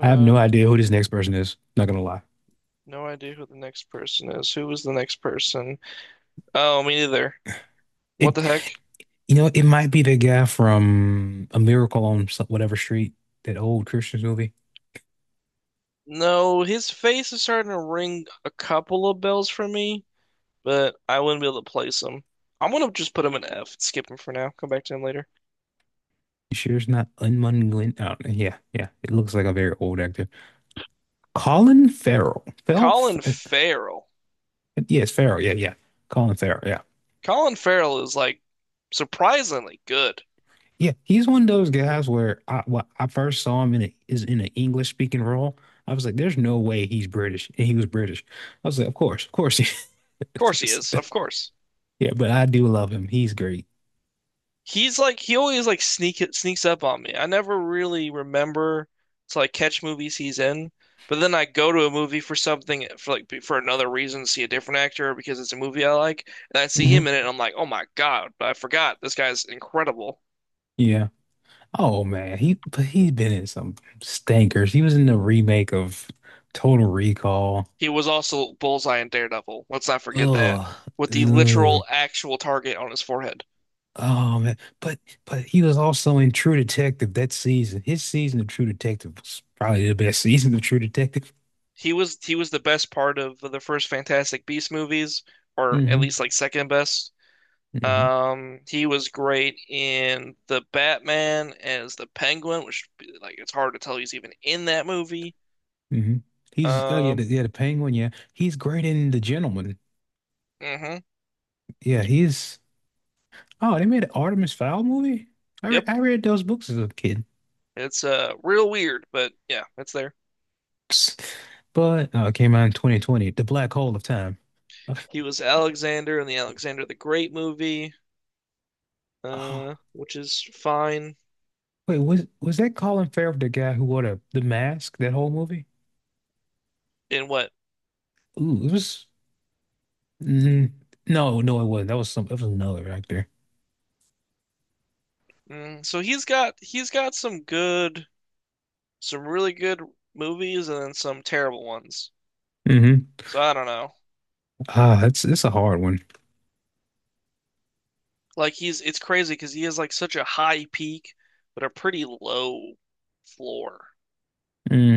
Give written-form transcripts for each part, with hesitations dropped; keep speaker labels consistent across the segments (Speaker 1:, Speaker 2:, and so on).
Speaker 1: I have no idea who this next person is. Not gonna lie.
Speaker 2: no idea who the next person is. Who was the next person? Oh, me neither. What the
Speaker 1: It,
Speaker 2: heck?
Speaker 1: it might be the guy from A Miracle on whatever street, that old Christian movie.
Speaker 2: No, his face is starting to ring a couple of bells for me, but I wouldn't be able to place him. I'm gonna just put him in F. Skip him for now. Come back to him later.
Speaker 1: You sure it's not Unmun Glenn? I don't know. Yeah, yeah. It looks like a very old actor. Colin Farrell. Fell?
Speaker 2: Colin Farrell.
Speaker 1: Yes, Farrell. Yeah, yeah. Colin Farrell. Yeah,
Speaker 2: Colin Farrell is like surprisingly good. Of
Speaker 1: yeah. He's one of those guys where I when I first saw him is in an English speaking role. I was like, there's no way he's British, and he was British. I was like, of course he
Speaker 2: course he
Speaker 1: is.
Speaker 2: is. Of course.
Speaker 1: Yeah, but I do love him. He's great.
Speaker 2: He's like he always like sneaks up on me. I never really remember to like catch movies he's in, but then I go to a movie for something for like for another reason, see a different actor because it's a movie I like, and I see
Speaker 1: Mhm.
Speaker 2: him in it, and I'm like, oh my God, I forgot this guy's incredible.
Speaker 1: Yeah. Oh man, he but he's been in some stankers. He was in the remake of Total Recall.
Speaker 2: He was also Bullseye in Daredevil. Let's not forget that
Speaker 1: Ugh.
Speaker 2: with the
Speaker 1: Ugh.
Speaker 2: literal actual target on his forehead.
Speaker 1: Oh man. But he was also in True Detective that season. His season of True Detective was probably the best season of True Detective.
Speaker 2: He was the best part of the first Fantastic Beast movies, or at
Speaker 1: Hmm
Speaker 2: least like second best.
Speaker 1: hmm
Speaker 2: He was great in the Batman as the Penguin, which like it's hard to tell he's even in that movie.
Speaker 1: hmm He's oh yeah,
Speaker 2: Um,
Speaker 1: the Penguin, yeah. He's great in The Gentleman.
Speaker 2: hmm.
Speaker 1: Yeah, he's oh, they made an Artemis Fowl movie?
Speaker 2: Yep.
Speaker 1: I read those books as a kid.
Speaker 2: It's real weird, but yeah, it's there.
Speaker 1: But it came out in 2020, The Black Hole of Time. Uh,
Speaker 2: He was Alexander in the Alexander the Great movie,
Speaker 1: ah,
Speaker 2: which is fine.
Speaker 1: wait, was that Colin Farrell, the guy who wore the mask, that whole movie?
Speaker 2: In what?
Speaker 1: Ooh, it was. mm, no, no, it wasn't. That was some. That was another actor.
Speaker 2: So he's got some good, some really good movies and then some terrible ones.
Speaker 1: Hmm
Speaker 2: So I don't know.
Speaker 1: Ah, that's it's a hard one.
Speaker 2: Like he's it's crazy because he has like such a high peak, but a pretty low floor.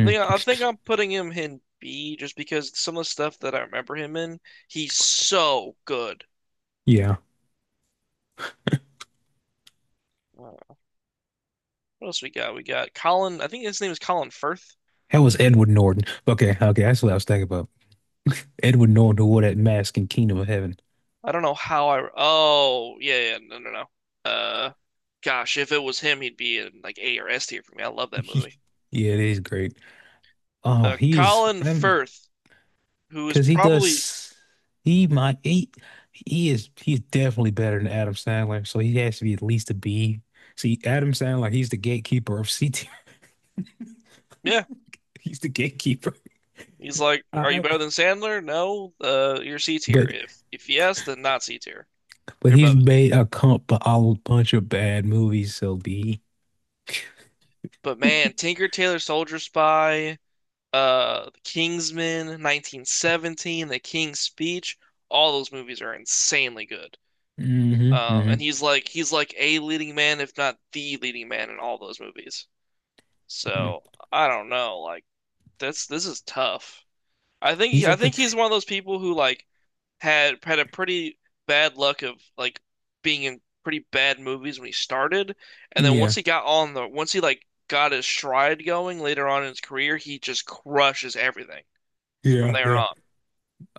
Speaker 2: I think I think I'm putting him in B just because some of the stuff that I remember him in, he's so good.
Speaker 1: yeah,
Speaker 2: Uh, what else we got? We got Colin. I think his name is Colin Firth.
Speaker 1: that was Edward Norton. Okay, okay, that's what I was thinking about. Edward Norton who wore that mask in Kingdom of Heaven.
Speaker 2: I don't know how I. Oh, yeah, yeah, no, no, no. Uh, Gosh, if it was him, he'd be in like A or S tier for me. I love that movie.
Speaker 1: Yeah, it is great. Oh, he's.
Speaker 2: Colin
Speaker 1: I mean,
Speaker 2: Firth, who is
Speaker 1: cause he
Speaker 2: probably,
Speaker 1: does he might he's definitely better than Adam Sandler, so he has to be at least a B. See, Adam Sandler, he's the gatekeeper of C tier.
Speaker 2: yeah.
Speaker 1: He's the gatekeeper.
Speaker 2: He's like, "Are you
Speaker 1: I, I-
Speaker 2: better than Sandler? No. You're C tier.
Speaker 1: but
Speaker 2: If yes, then not C tier. You're
Speaker 1: he's
Speaker 2: above it."
Speaker 1: made a whole bunch of bad movies, so B.
Speaker 2: But man, Tinker Tailor Soldier Spy, The Kingsman, 1917, The King's Speech, all those movies are insanely good.
Speaker 1: hmm
Speaker 2: And
Speaker 1: hmm
Speaker 2: he's like a leading man, if not the leading man in all those movies. So I don't know, like that's this is tough. I think
Speaker 1: He's
Speaker 2: I
Speaker 1: at the
Speaker 2: think he's one of those people who like had had a pretty bad luck of like being in pretty bad movies when he started, and then
Speaker 1: yeah.
Speaker 2: once he like got his stride going later on in his career, he just crushes everything from
Speaker 1: Yeah,
Speaker 2: there
Speaker 1: yeah.
Speaker 2: on.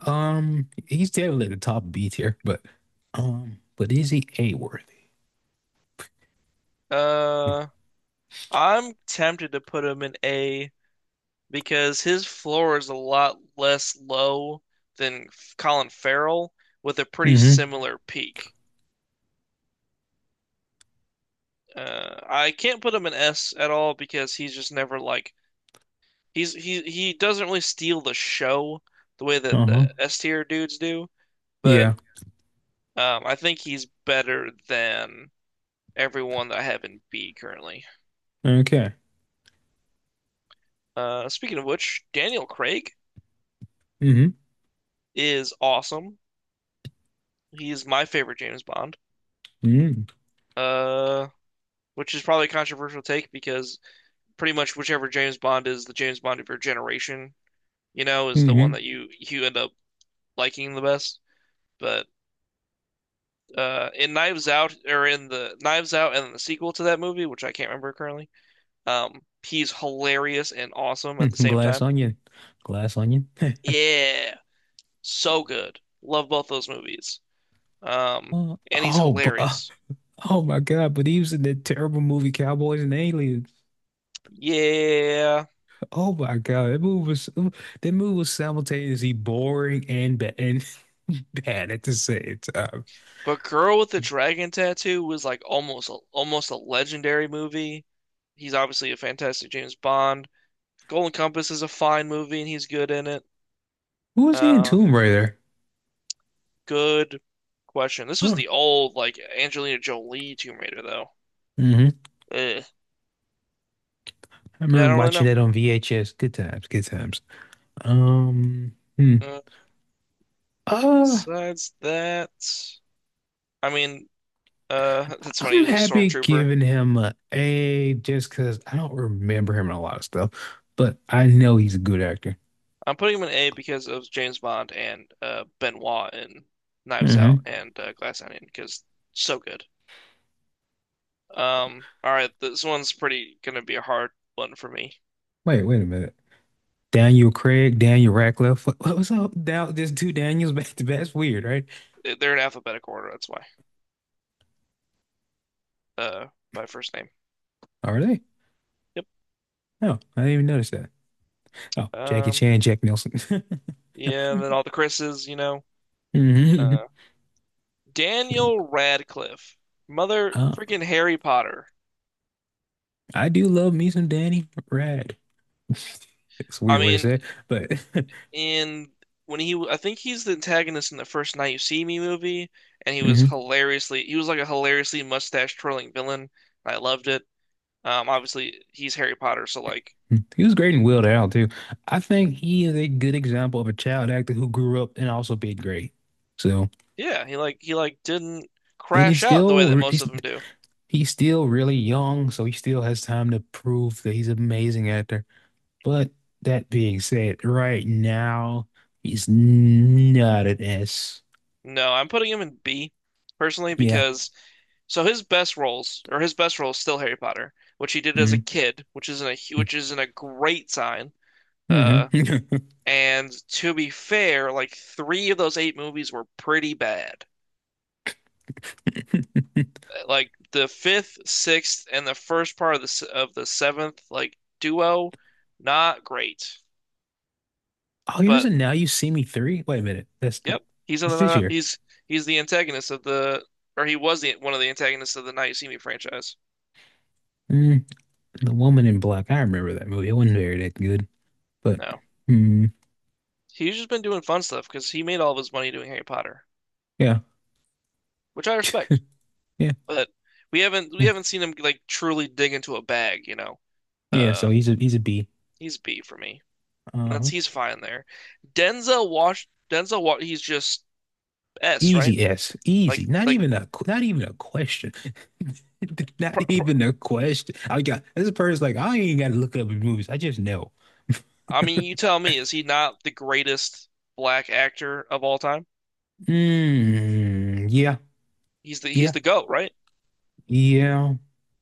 Speaker 1: He's definitely at the top B tier, but is he A worthy?
Speaker 2: Uh, I'm tempted to put him in A because his floor is a lot less low than Colin Farrell with a pretty
Speaker 1: Mm-hmm.
Speaker 2: similar peak. I can't put him in S at all because he's just never like, he's he doesn't really steal the show the way that
Speaker 1: Uh-huh.
Speaker 2: the S tier dudes do, but
Speaker 1: Yeah.
Speaker 2: I think he's better than everyone that I have in B currently.
Speaker 1: Okay.
Speaker 2: Speaking of which, Daniel Craig
Speaker 1: Mm-hmm.
Speaker 2: is awesome. He's my favorite James Bond.
Speaker 1: Mm-hmm.
Speaker 2: Uh, which is probably a controversial take because pretty much whichever James Bond is the James Bond of your generation, is the one
Speaker 1: Mm-hmm.
Speaker 2: that you end up liking the best. But in Knives Out or in the Knives Out and the sequel to that movie, which I can't remember currently. He's hilarious and awesome at the
Speaker 1: Mm-hmm.
Speaker 2: same
Speaker 1: Glass
Speaker 2: time.
Speaker 1: onion. Glass onion.
Speaker 2: Yeah, so good. Love both those movies. Um,
Speaker 1: Oh,
Speaker 2: and he's
Speaker 1: oh, but,
Speaker 2: hilarious.
Speaker 1: oh my God! But he was in that terrible movie Cowboys and Aliens.
Speaker 2: Yeah,
Speaker 1: Oh my God! That movie was simultaneously boring and bad and bad at the same time.
Speaker 2: but Girl with the Dragon Tattoo was like almost a legendary movie. He's obviously a fantastic James Bond. Golden Compass is a fine movie and he's good in it.
Speaker 1: Who
Speaker 2: Um,
Speaker 1: was he in
Speaker 2: Uh,
Speaker 1: Tomb Raider?
Speaker 2: Good question. This was
Speaker 1: Oh,
Speaker 2: the old, like, Angelina Jolie Tomb Raider, though.
Speaker 1: hmm
Speaker 2: Eh.
Speaker 1: I
Speaker 2: Yeah, I
Speaker 1: remember
Speaker 2: don't really
Speaker 1: watching
Speaker 2: know.
Speaker 1: that on VHS. Good times. Good times. Hmm.
Speaker 2: Uh,
Speaker 1: Uh,
Speaker 2: Besides that, I mean, that's funny. He
Speaker 1: I'm
Speaker 2: was a
Speaker 1: happy
Speaker 2: stormtrooper.
Speaker 1: giving him a A just because I don't remember him in a lot of stuff, but I know he's a good actor.
Speaker 2: I'm putting him in A because of James Bond and Benoit in Knives
Speaker 1: Hmm
Speaker 2: Out and Glass Onion because so good. All right, this one's pretty gonna be a hard one for me.
Speaker 1: Wait, wait a minute. Daniel Craig, Daniel Radcliffe. What was up? Down, there's two Daniels back to back. That's weird, right?
Speaker 2: They're in alphabetical order, that's why. Uh, by first name.
Speaker 1: Are they?
Speaker 2: Yep.
Speaker 1: No, I didn't even notice that. Oh, Jackie
Speaker 2: Um,
Speaker 1: Chan, Jack Nicholson.
Speaker 2: yeah, and then all the Chris's. Uh,
Speaker 1: hmm
Speaker 2: Daniel Radcliffe, mother
Speaker 1: Uh,
Speaker 2: freaking Harry Potter.
Speaker 1: I do love me some Danny Rad. It's a
Speaker 2: I
Speaker 1: weird way to
Speaker 2: mean,
Speaker 1: say it, but
Speaker 2: in I think he's the antagonist in the first Night You See Me movie, and
Speaker 1: mhm.
Speaker 2: he was like a hilariously mustache twirling villain. I loved it. Obviously he's Harry Potter, so like,
Speaker 1: Hmm. He was great in Will Out too. I think he is a good example of a child actor who grew up and also did great. So,
Speaker 2: yeah, he like didn't
Speaker 1: and
Speaker 2: crash out the way that most of them do.
Speaker 1: he's still really young, so he still has time to prove that he's an amazing actor. But that being said, right now he's not an S.
Speaker 2: No, I'm putting him in B personally
Speaker 1: Yeah.
Speaker 2: because so his best roles or his best role is still Harry Potter, which he did as a kid, which isn't a great sign. Uh,
Speaker 1: Mm-hmm.
Speaker 2: and to be fair, like three of those eight movies were pretty bad. Like the fifth, sixth, and the first part of the seventh, like duo, not great.
Speaker 1: Oh, he was
Speaker 2: But
Speaker 1: in Now You See Me 3? Wait a minute. That's
Speaker 2: yep, he's in
Speaker 1: it's this
Speaker 2: the
Speaker 1: year.
Speaker 2: he's he's the antagonist of the or he was the one of the antagonists of the Now You See Me franchise.
Speaker 1: Mm, The Woman in Black. I remember that movie. It wasn't very that good, but
Speaker 2: No,
Speaker 1: mm,
Speaker 2: he's just been doing fun stuff because he made all of his money doing Harry Potter,
Speaker 1: yeah.
Speaker 2: which I respect.
Speaker 1: Yeah.
Speaker 2: But we haven't we
Speaker 1: Mm.
Speaker 2: haven't seen him like truly dig into a bag.
Speaker 1: Yeah, so
Speaker 2: Uh,
Speaker 1: he's a B.
Speaker 2: he's B for me. That's
Speaker 1: Uh-huh.
Speaker 2: He's fine there. Denzel Wash Denzel Wa he's just S, right?
Speaker 1: Easy S. Easy. Not
Speaker 2: Like
Speaker 1: even a not even a question. Not
Speaker 2: pr pr
Speaker 1: even a question. I got this person's like, I ain't gotta look up his movies. I just know.
Speaker 2: I mean, you tell me, is he not the greatest black actor of all time?
Speaker 1: Mm, yeah,
Speaker 2: He's the he's
Speaker 1: yeah,
Speaker 2: the GOAT, right?
Speaker 1: yeah.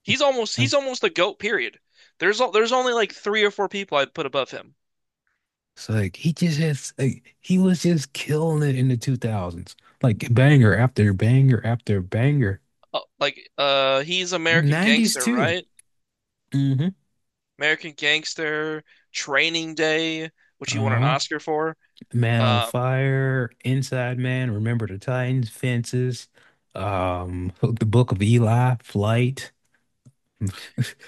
Speaker 2: He's almost he's
Speaker 1: Okay.
Speaker 2: almost the GOAT period. There's only like three or four people I'd put above him.
Speaker 1: It's like he just has like, he was just killing it in the 2000s. Like banger after banger after banger.
Speaker 2: Like he's American
Speaker 1: 90s
Speaker 2: Gangster,
Speaker 1: too.
Speaker 2: right?
Speaker 1: Mm-hmm.
Speaker 2: American Gangster, Training Day, which he won an
Speaker 1: Uh-huh.
Speaker 2: Oscar for.
Speaker 1: Man on
Speaker 2: Uh,
Speaker 1: Fire, Inside Man, Remember the Titans, Fences, The Book of Eli, Flight.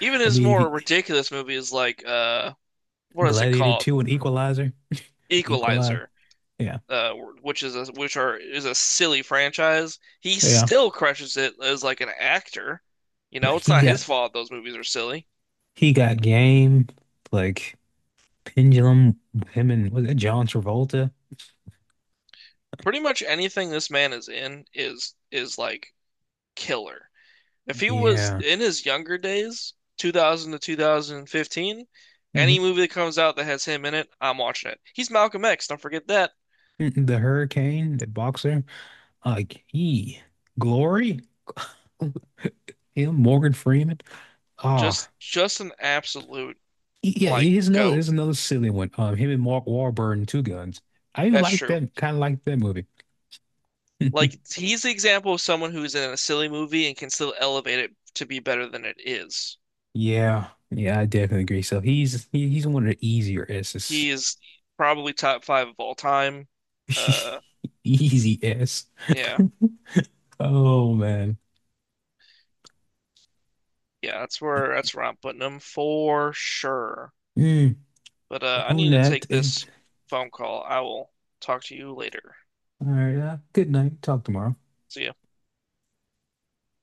Speaker 2: Even his
Speaker 1: mean, if you,
Speaker 2: more ridiculous movies like what is it
Speaker 1: Gladiator
Speaker 2: called?
Speaker 1: 2 and Equalizer, Equalize.
Speaker 2: Equalizer.
Speaker 1: Yeah.
Speaker 2: Uh, which is a which are is a silly franchise. He
Speaker 1: Yeah.
Speaker 2: still crushes it as like an actor. You
Speaker 1: But
Speaker 2: know, it's
Speaker 1: he
Speaker 2: not his
Speaker 1: got
Speaker 2: fault those movies are silly.
Speaker 1: game like Pendulum, him and was it John Travolta?
Speaker 2: Pretty much anything this man is in is like killer. If he was
Speaker 1: Yeah.
Speaker 2: in his younger days, 2000 to 2015, any
Speaker 1: hmm
Speaker 2: movie that comes out that has him in it, I'm watching it. He's Malcolm X, don't forget that.
Speaker 1: The Hurricane, the boxer. Like he, Glory, him, Morgan Freeman. Oh.
Speaker 2: Just an absolute
Speaker 1: Yeah,
Speaker 2: like
Speaker 1: here's another
Speaker 2: goat.
Speaker 1: silly one. Him and Mark Wahlberg and Two Guns. I even
Speaker 2: That's
Speaker 1: like
Speaker 2: true.
Speaker 1: that like that movie.
Speaker 2: Like he's the example of someone who's in a silly movie and can still elevate it to be better than it is.
Speaker 1: Yeah, yeah, I definitely agree. So he's one of the easier S's.
Speaker 2: He is probably top five of all time. Uh,
Speaker 1: Easy S.
Speaker 2: yeah,
Speaker 1: Oh man.
Speaker 2: yeah, that's where I'm putting him for sure.
Speaker 1: Mm,
Speaker 2: But I
Speaker 1: on
Speaker 2: need to
Speaker 1: that,
Speaker 2: take
Speaker 1: it,
Speaker 2: this phone call. I will talk to you later.
Speaker 1: all right. Good night. Talk tomorrow.
Speaker 2: See ya.